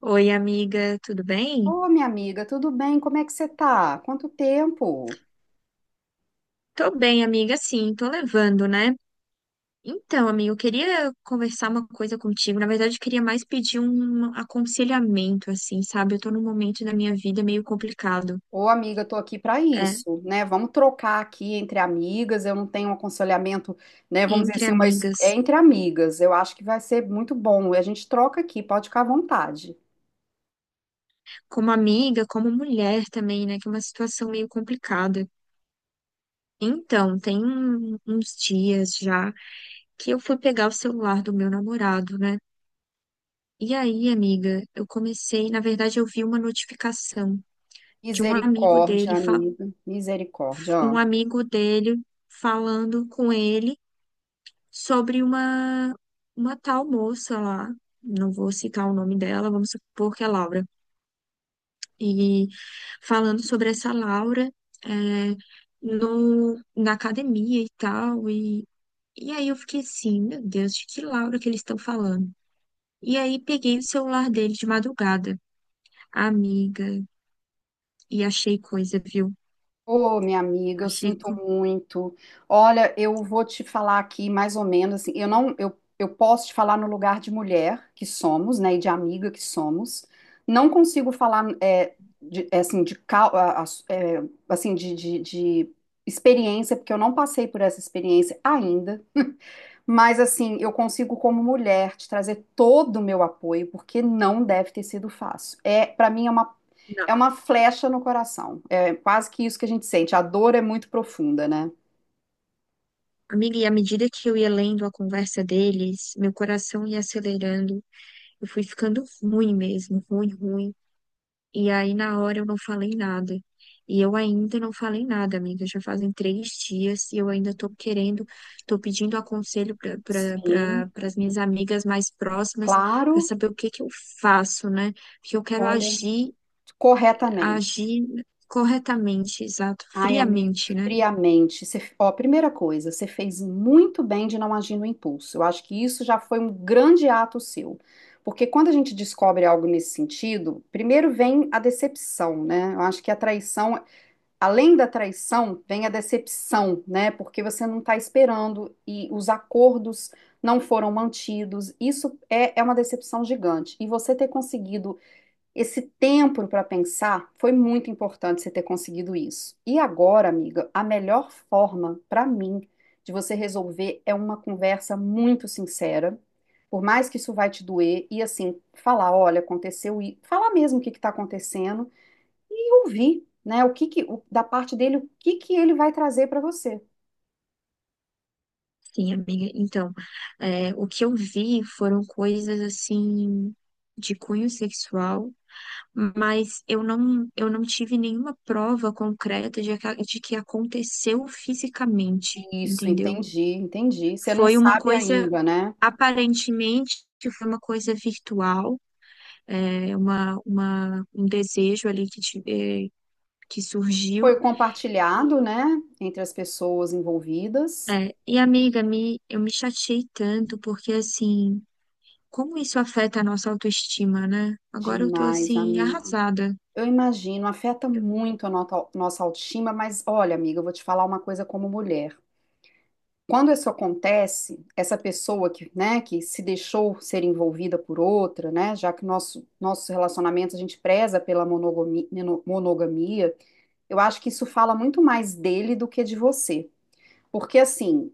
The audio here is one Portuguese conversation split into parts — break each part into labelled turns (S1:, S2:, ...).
S1: Oi, amiga, tudo bem?
S2: Ô, minha amiga, tudo bem? Como é que você tá? Quanto tempo?
S1: Tô bem, amiga, sim, tô levando, né? Então, amiga, eu queria conversar uma coisa contigo. Na verdade, eu queria mais pedir um aconselhamento, assim, sabe? Eu tô num momento da minha vida meio complicado,
S2: Ô, amiga, tô aqui para
S1: é,
S2: isso, né? Vamos trocar aqui entre amigas. Eu não tenho um aconselhamento, né? Vamos dizer
S1: entre
S2: assim, mas é
S1: amigas.
S2: entre amigas. Eu acho que vai ser muito bom. E a gente troca aqui, pode ficar à vontade.
S1: Como amiga, como mulher também, né? Que é uma situação meio complicada. Então, uns dias já que eu fui pegar o celular do meu namorado, né? E aí, amiga, eu comecei, na verdade, eu vi uma notificação de um amigo
S2: Misericórdia,
S1: dele,
S2: amiga. Misericórdia.
S1: um
S2: Ó.
S1: amigo dele falando com ele sobre uma tal moça lá, não vou citar o nome dela, vamos supor que é Laura, e falando sobre essa Laura, é, no, na academia e tal, e aí eu fiquei assim, meu Deus, de que Laura que eles estão falando? E aí peguei o celular dele de madrugada, amiga, e achei coisa, viu?
S2: Ô, minha amiga, eu
S1: Achei
S2: sinto
S1: coisa.
S2: muito. Olha, eu vou te falar aqui mais ou menos assim, eu não, eu posso te falar no lugar de mulher que somos, né, e de amiga que somos. Não consigo falar de, é, assim de cau- a- é, assim de experiência, porque eu não passei por essa experiência ainda. Mas assim, eu consigo como mulher te trazer todo o meu apoio, porque não deve ter sido fácil. É, para mim é uma flecha no coração. É quase que isso que a gente sente. A dor é muito profunda, né?
S1: Amiga, e à medida que eu ia lendo a conversa deles, meu coração ia acelerando. Eu fui ficando ruim mesmo, ruim, ruim. E aí, na hora, eu não falei nada. E eu ainda não falei nada, amiga. Já fazem três dias e eu ainda tô querendo, tô pedindo aconselho para
S2: Sim,
S1: as minhas amigas mais próximas, para
S2: claro.
S1: saber o que que eu faço, né? Porque eu quero
S2: Olha,
S1: agir,
S2: corretamente.
S1: agir corretamente, exato,
S2: Ai, amigo,
S1: friamente, né?
S2: friamente. Você, ó, primeira coisa, você fez muito bem de não agir no impulso. Eu acho que isso já foi um grande ato seu. Porque quando a gente descobre algo nesse sentido, primeiro vem a decepção, né? Eu acho que a traição. Além da traição, vem a decepção, né? Porque você não está esperando e os acordos não foram mantidos. Isso é, é uma decepção gigante. E você ter conseguido esse tempo para pensar foi muito importante você ter conseguido isso. E agora, amiga, a melhor forma para mim de você resolver é uma conversa muito sincera. Por mais que isso vai te doer, e assim, falar, olha, aconteceu e falar mesmo o que está acontecendo e ouvir, né? O que que, o- da parte dele, o que que ele vai trazer para você.
S1: Sim, amiga. Então, o que eu vi foram coisas assim de cunho sexual, mas eu não tive nenhuma prova concreta de, de que aconteceu fisicamente,
S2: Isso,
S1: entendeu?
S2: entendi, entendi. Você não
S1: Foi uma
S2: sabe
S1: coisa,
S2: ainda, né?
S1: aparentemente, que foi uma coisa virtual, um desejo ali que surgiu.
S2: Foi compartilhado,
S1: E,
S2: né, entre as pessoas envolvidas.
S1: é, e amiga, me, eu me chateei tanto, porque assim. Como isso afeta a nossa autoestima, né? Agora eu tô
S2: Demais,
S1: assim,
S2: amiga.
S1: arrasada.
S2: Eu imagino, afeta muito a nossa autoestima, mas olha, amiga, eu vou te falar uma coisa como mulher. Quando isso acontece, essa pessoa que, né, que se deixou ser envolvida por outra, né, já que nossos relacionamentos a gente preza pela monogamia. Eu acho que isso fala muito mais dele do que de você. Porque, assim,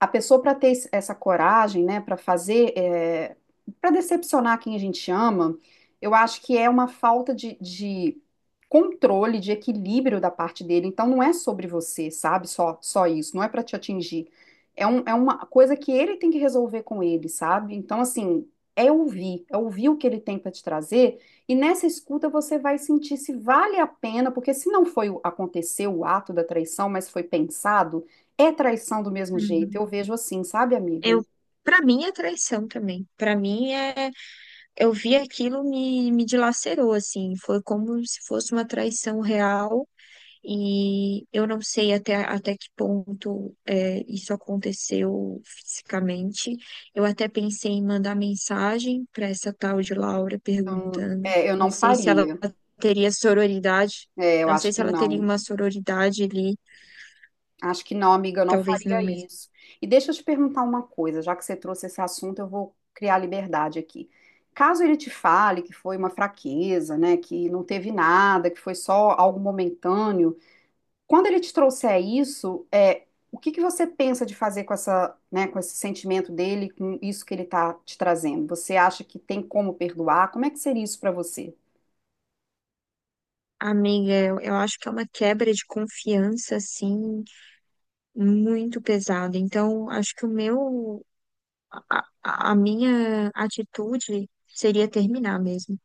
S2: a pessoa para ter essa coragem, né, para fazer, é, para decepcionar quem a gente ama, eu acho que é uma falta de controle, de equilíbrio da parte dele. Então não é sobre você, sabe? Só isso, não é para te atingir. É, é uma coisa que ele tem que resolver com ele, sabe? Então, assim, é ouvir o que ele tem para te trazer, e nessa escuta você vai sentir se vale a pena, porque se não foi aconteceu o ato da traição, mas foi pensado é traição do mesmo jeito,
S1: Uhum.
S2: eu vejo assim, sabe, amiga?
S1: Eu, para mim é traição também. Pra mim é, eu vi aquilo me dilacerou assim, foi como se fosse uma traição real. E eu não sei até, até que ponto isso aconteceu fisicamente. Eu até pensei em mandar mensagem para essa tal de Laura
S2: Eu,
S1: perguntando.
S2: é, eu
S1: Não
S2: não
S1: sei se ela
S2: faria.
S1: teria sororidade,
S2: É, eu
S1: não sei
S2: acho
S1: se
S2: que
S1: ela teria
S2: não.
S1: uma sororidade ali,
S2: Acho que não, amiga, eu não
S1: talvez não
S2: faria
S1: mesmo.
S2: isso. E deixa eu te perguntar uma coisa, já que você trouxe esse assunto, eu vou criar liberdade aqui. Caso ele te fale que foi uma fraqueza, né, que não teve nada, que foi só algo momentâneo, quando ele te trouxer isso, é, o que que você pensa de fazer com essa, né, com esse sentimento dele, com isso que ele está te trazendo? Você acha que tem como perdoar? Como é que seria isso para você?
S1: Amiga, eu acho que é uma quebra de confiança, assim, muito pesada. Então, acho que o meu, a minha atitude seria terminar mesmo.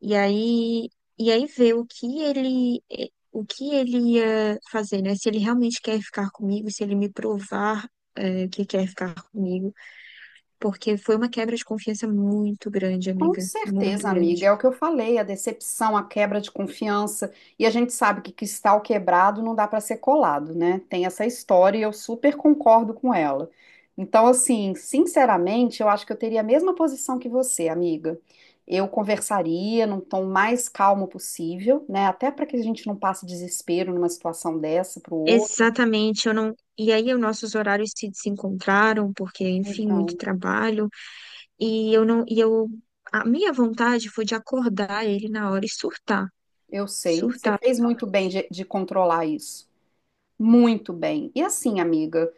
S1: E aí, e aí ver o que ele, o que ele ia fazer, né? Se ele realmente quer ficar comigo, se ele me provar, que quer ficar comigo, porque foi uma quebra de confiança muito grande,
S2: Com
S1: amiga, muito
S2: certeza, amiga,
S1: grande.
S2: é o que eu falei, a decepção, a quebra de confiança, e a gente sabe que cristal quebrado não dá para ser colado, né? Tem essa história e eu super concordo com ela. Então, assim, sinceramente, eu acho que eu teria a mesma posição que você, amiga. Eu conversaria num tom mais calmo possível, né? Até para que a gente não passe desespero numa situação dessa para o outro.
S1: Exatamente, eu não. E aí, os nossos horários se desencontraram, porque, enfim, muito
S2: Então,
S1: trabalho, e eu não, e eu, a minha vontade foi de acordar ele na hora e surtar,
S2: eu sei, você
S1: surtar
S2: fez muito bem
S1: totalmente.
S2: de controlar isso. Muito bem. E assim, amiga.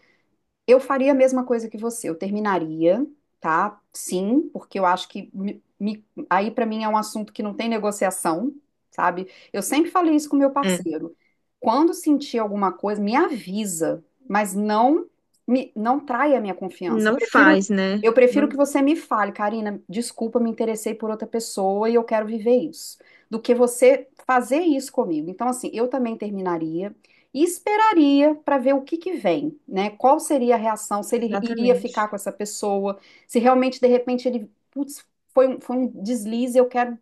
S2: Eu faria a mesma coisa que você, eu terminaria, tá? Sim, porque eu acho aí pra mim é um assunto que não tem negociação, sabe? Eu sempre falei isso com meu
S1: É,
S2: parceiro. Quando sentir alguma coisa, me avisa, mas não traia a minha confiança.
S1: não faz, né?
S2: Eu prefiro
S1: Não,
S2: que você me fale, Karina, desculpa, me interessei por outra pessoa e eu quero viver isso, do que você fazer isso comigo. Então, assim, eu também terminaria. E faria para ver o que que vem, né? Qual seria a reação, se ele iria
S1: exatamente.
S2: ficar com essa pessoa, se realmente de repente ele, putz, foi um deslize, eu quero,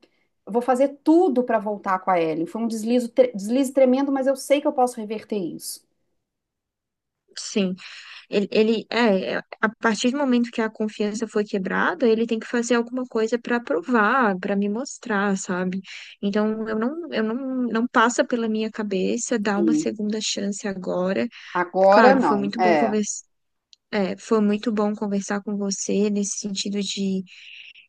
S2: eu vou fazer tudo para voltar com a Ellen. Foi um deslize, deslize tremendo, mas eu sei que eu posso reverter isso.
S1: Sim, ele, é, a partir do momento que a confiança foi quebrada, ele tem que fazer alguma coisa para provar, para me mostrar, sabe? Então eu não, não passa pela minha cabeça dar uma
S2: Sim.
S1: segunda chance agora.
S2: Agora
S1: Claro, foi
S2: não.
S1: muito bom
S2: É.
S1: conversar, foi muito bom conversar com você nesse sentido de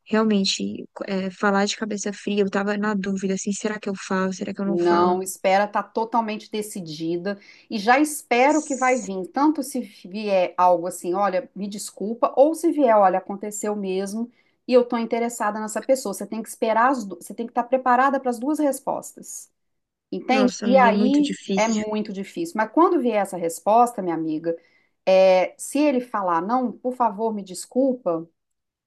S1: realmente, falar de cabeça fria. Eu tava na dúvida, assim, será que eu falo? Será que eu não falo?
S2: Não, espera tá totalmente decidida e já espero que vai vir, tanto se vier algo assim, olha, me desculpa, ou se vier, olha, aconteceu mesmo e eu tô interessada nessa pessoa. Você tem que esperar você tem que estar preparada para as duas respostas. Entende?
S1: Nossa,
S2: E
S1: amiga, é muito
S2: aí é
S1: difícil.
S2: muito difícil. Mas quando vier essa resposta, minha amiga, é, se ele falar, não, por favor, me desculpa,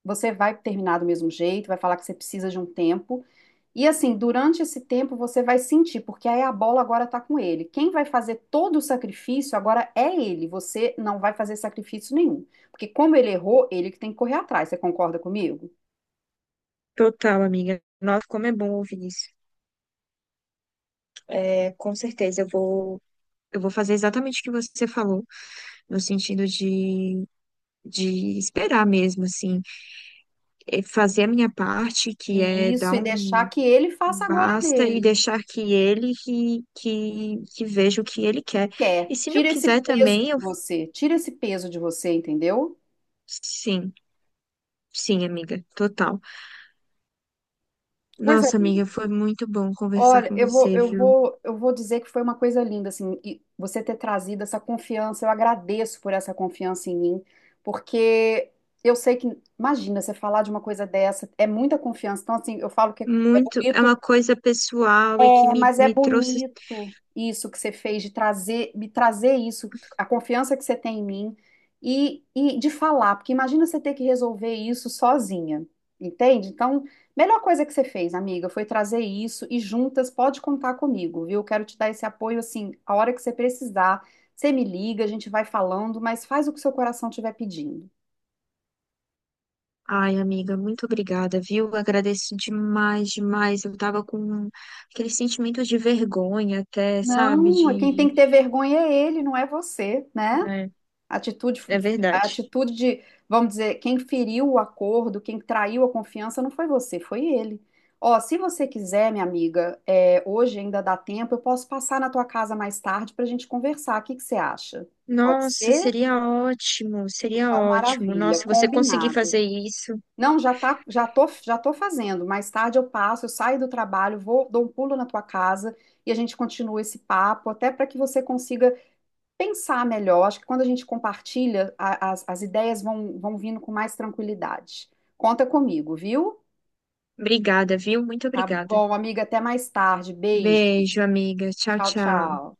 S2: você vai terminar do mesmo jeito, vai falar que você precisa de um tempo. E assim, durante esse tempo você vai sentir, porque aí a bola agora tá com ele. Quem vai fazer todo o sacrifício agora é ele. Você não vai fazer sacrifício nenhum. Porque como ele errou, ele que tem que correr atrás. Você concorda comigo?
S1: Total, amiga. Nossa, como é bom ouvir isso. É, com certeza, eu vou fazer exatamente o que você falou, no sentido de esperar mesmo, assim, fazer a minha parte, que
S2: E
S1: é dar
S2: isso, e
S1: um
S2: deixar que ele faça agora
S1: basta e
S2: dele.
S1: deixar que ele que veja o que ele quer.
S2: Quer.
S1: E se não
S2: Tira esse
S1: quiser
S2: peso de
S1: também, eu
S2: você. Tira esse peso de você, entendeu?
S1: sim, sim, amiga, total.
S2: Coisa
S1: Nossa, amiga, foi muito bom conversar
S2: Olha,
S1: com
S2: eu vou,
S1: você,
S2: eu
S1: viu?
S2: vou, eu vou dizer que foi uma coisa linda, assim, e você ter trazido essa confiança. Eu agradeço por essa confiança em mim, porque eu sei que, imagina, você falar de uma coisa dessa, é muita confiança. Então, assim, eu falo que é
S1: Muito, é uma
S2: bonito,
S1: coisa pessoal e que
S2: é, mas é
S1: me trouxe.
S2: bonito isso que você fez de trazer, me trazer isso, a confiança que você tem em mim e de falar, porque imagina você ter que resolver isso sozinha, entende? Então, melhor coisa que você fez, amiga, foi trazer isso e juntas pode contar comigo, viu? Quero te dar esse apoio assim, a hora que você precisar, você me liga, a gente vai falando, mas faz o que seu coração estiver pedindo.
S1: Ai, amiga, muito obrigada, viu? Agradeço demais, demais. Eu tava com aquele sentimento de vergonha até, sabe?
S2: Não, quem tem
S1: De...
S2: que ter vergonha é ele, não é você, né?
S1: É,
S2: A atitude,
S1: é
S2: a
S1: verdade.
S2: atitude de, vamos dizer, quem feriu o acordo, quem traiu a confiança, não foi você, foi ele. Ó, se você quiser, minha amiga, é, hoje ainda dá tempo, eu posso passar na tua casa mais tarde para a gente conversar. O que que você acha? Pode
S1: Nossa,
S2: ser?
S1: seria ótimo, seria
S2: Então,
S1: ótimo.
S2: maravilha,
S1: Nossa, você conseguir
S2: combinado.
S1: fazer isso.
S2: Não, já tô fazendo. Mais tarde eu passo, eu saio do trabalho, vou, dou um pulo na tua casa e a gente continua esse papo, até para que você consiga pensar melhor. Acho que quando a gente compartilha, as ideias vão vindo com mais tranquilidade. Conta comigo, viu?
S1: Obrigada, viu? Muito
S2: Tá
S1: obrigada.
S2: bom, amiga. Até mais tarde. Beijo.
S1: Beijo, amiga. Tchau,
S2: Tchau,
S1: tchau.
S2: tchau.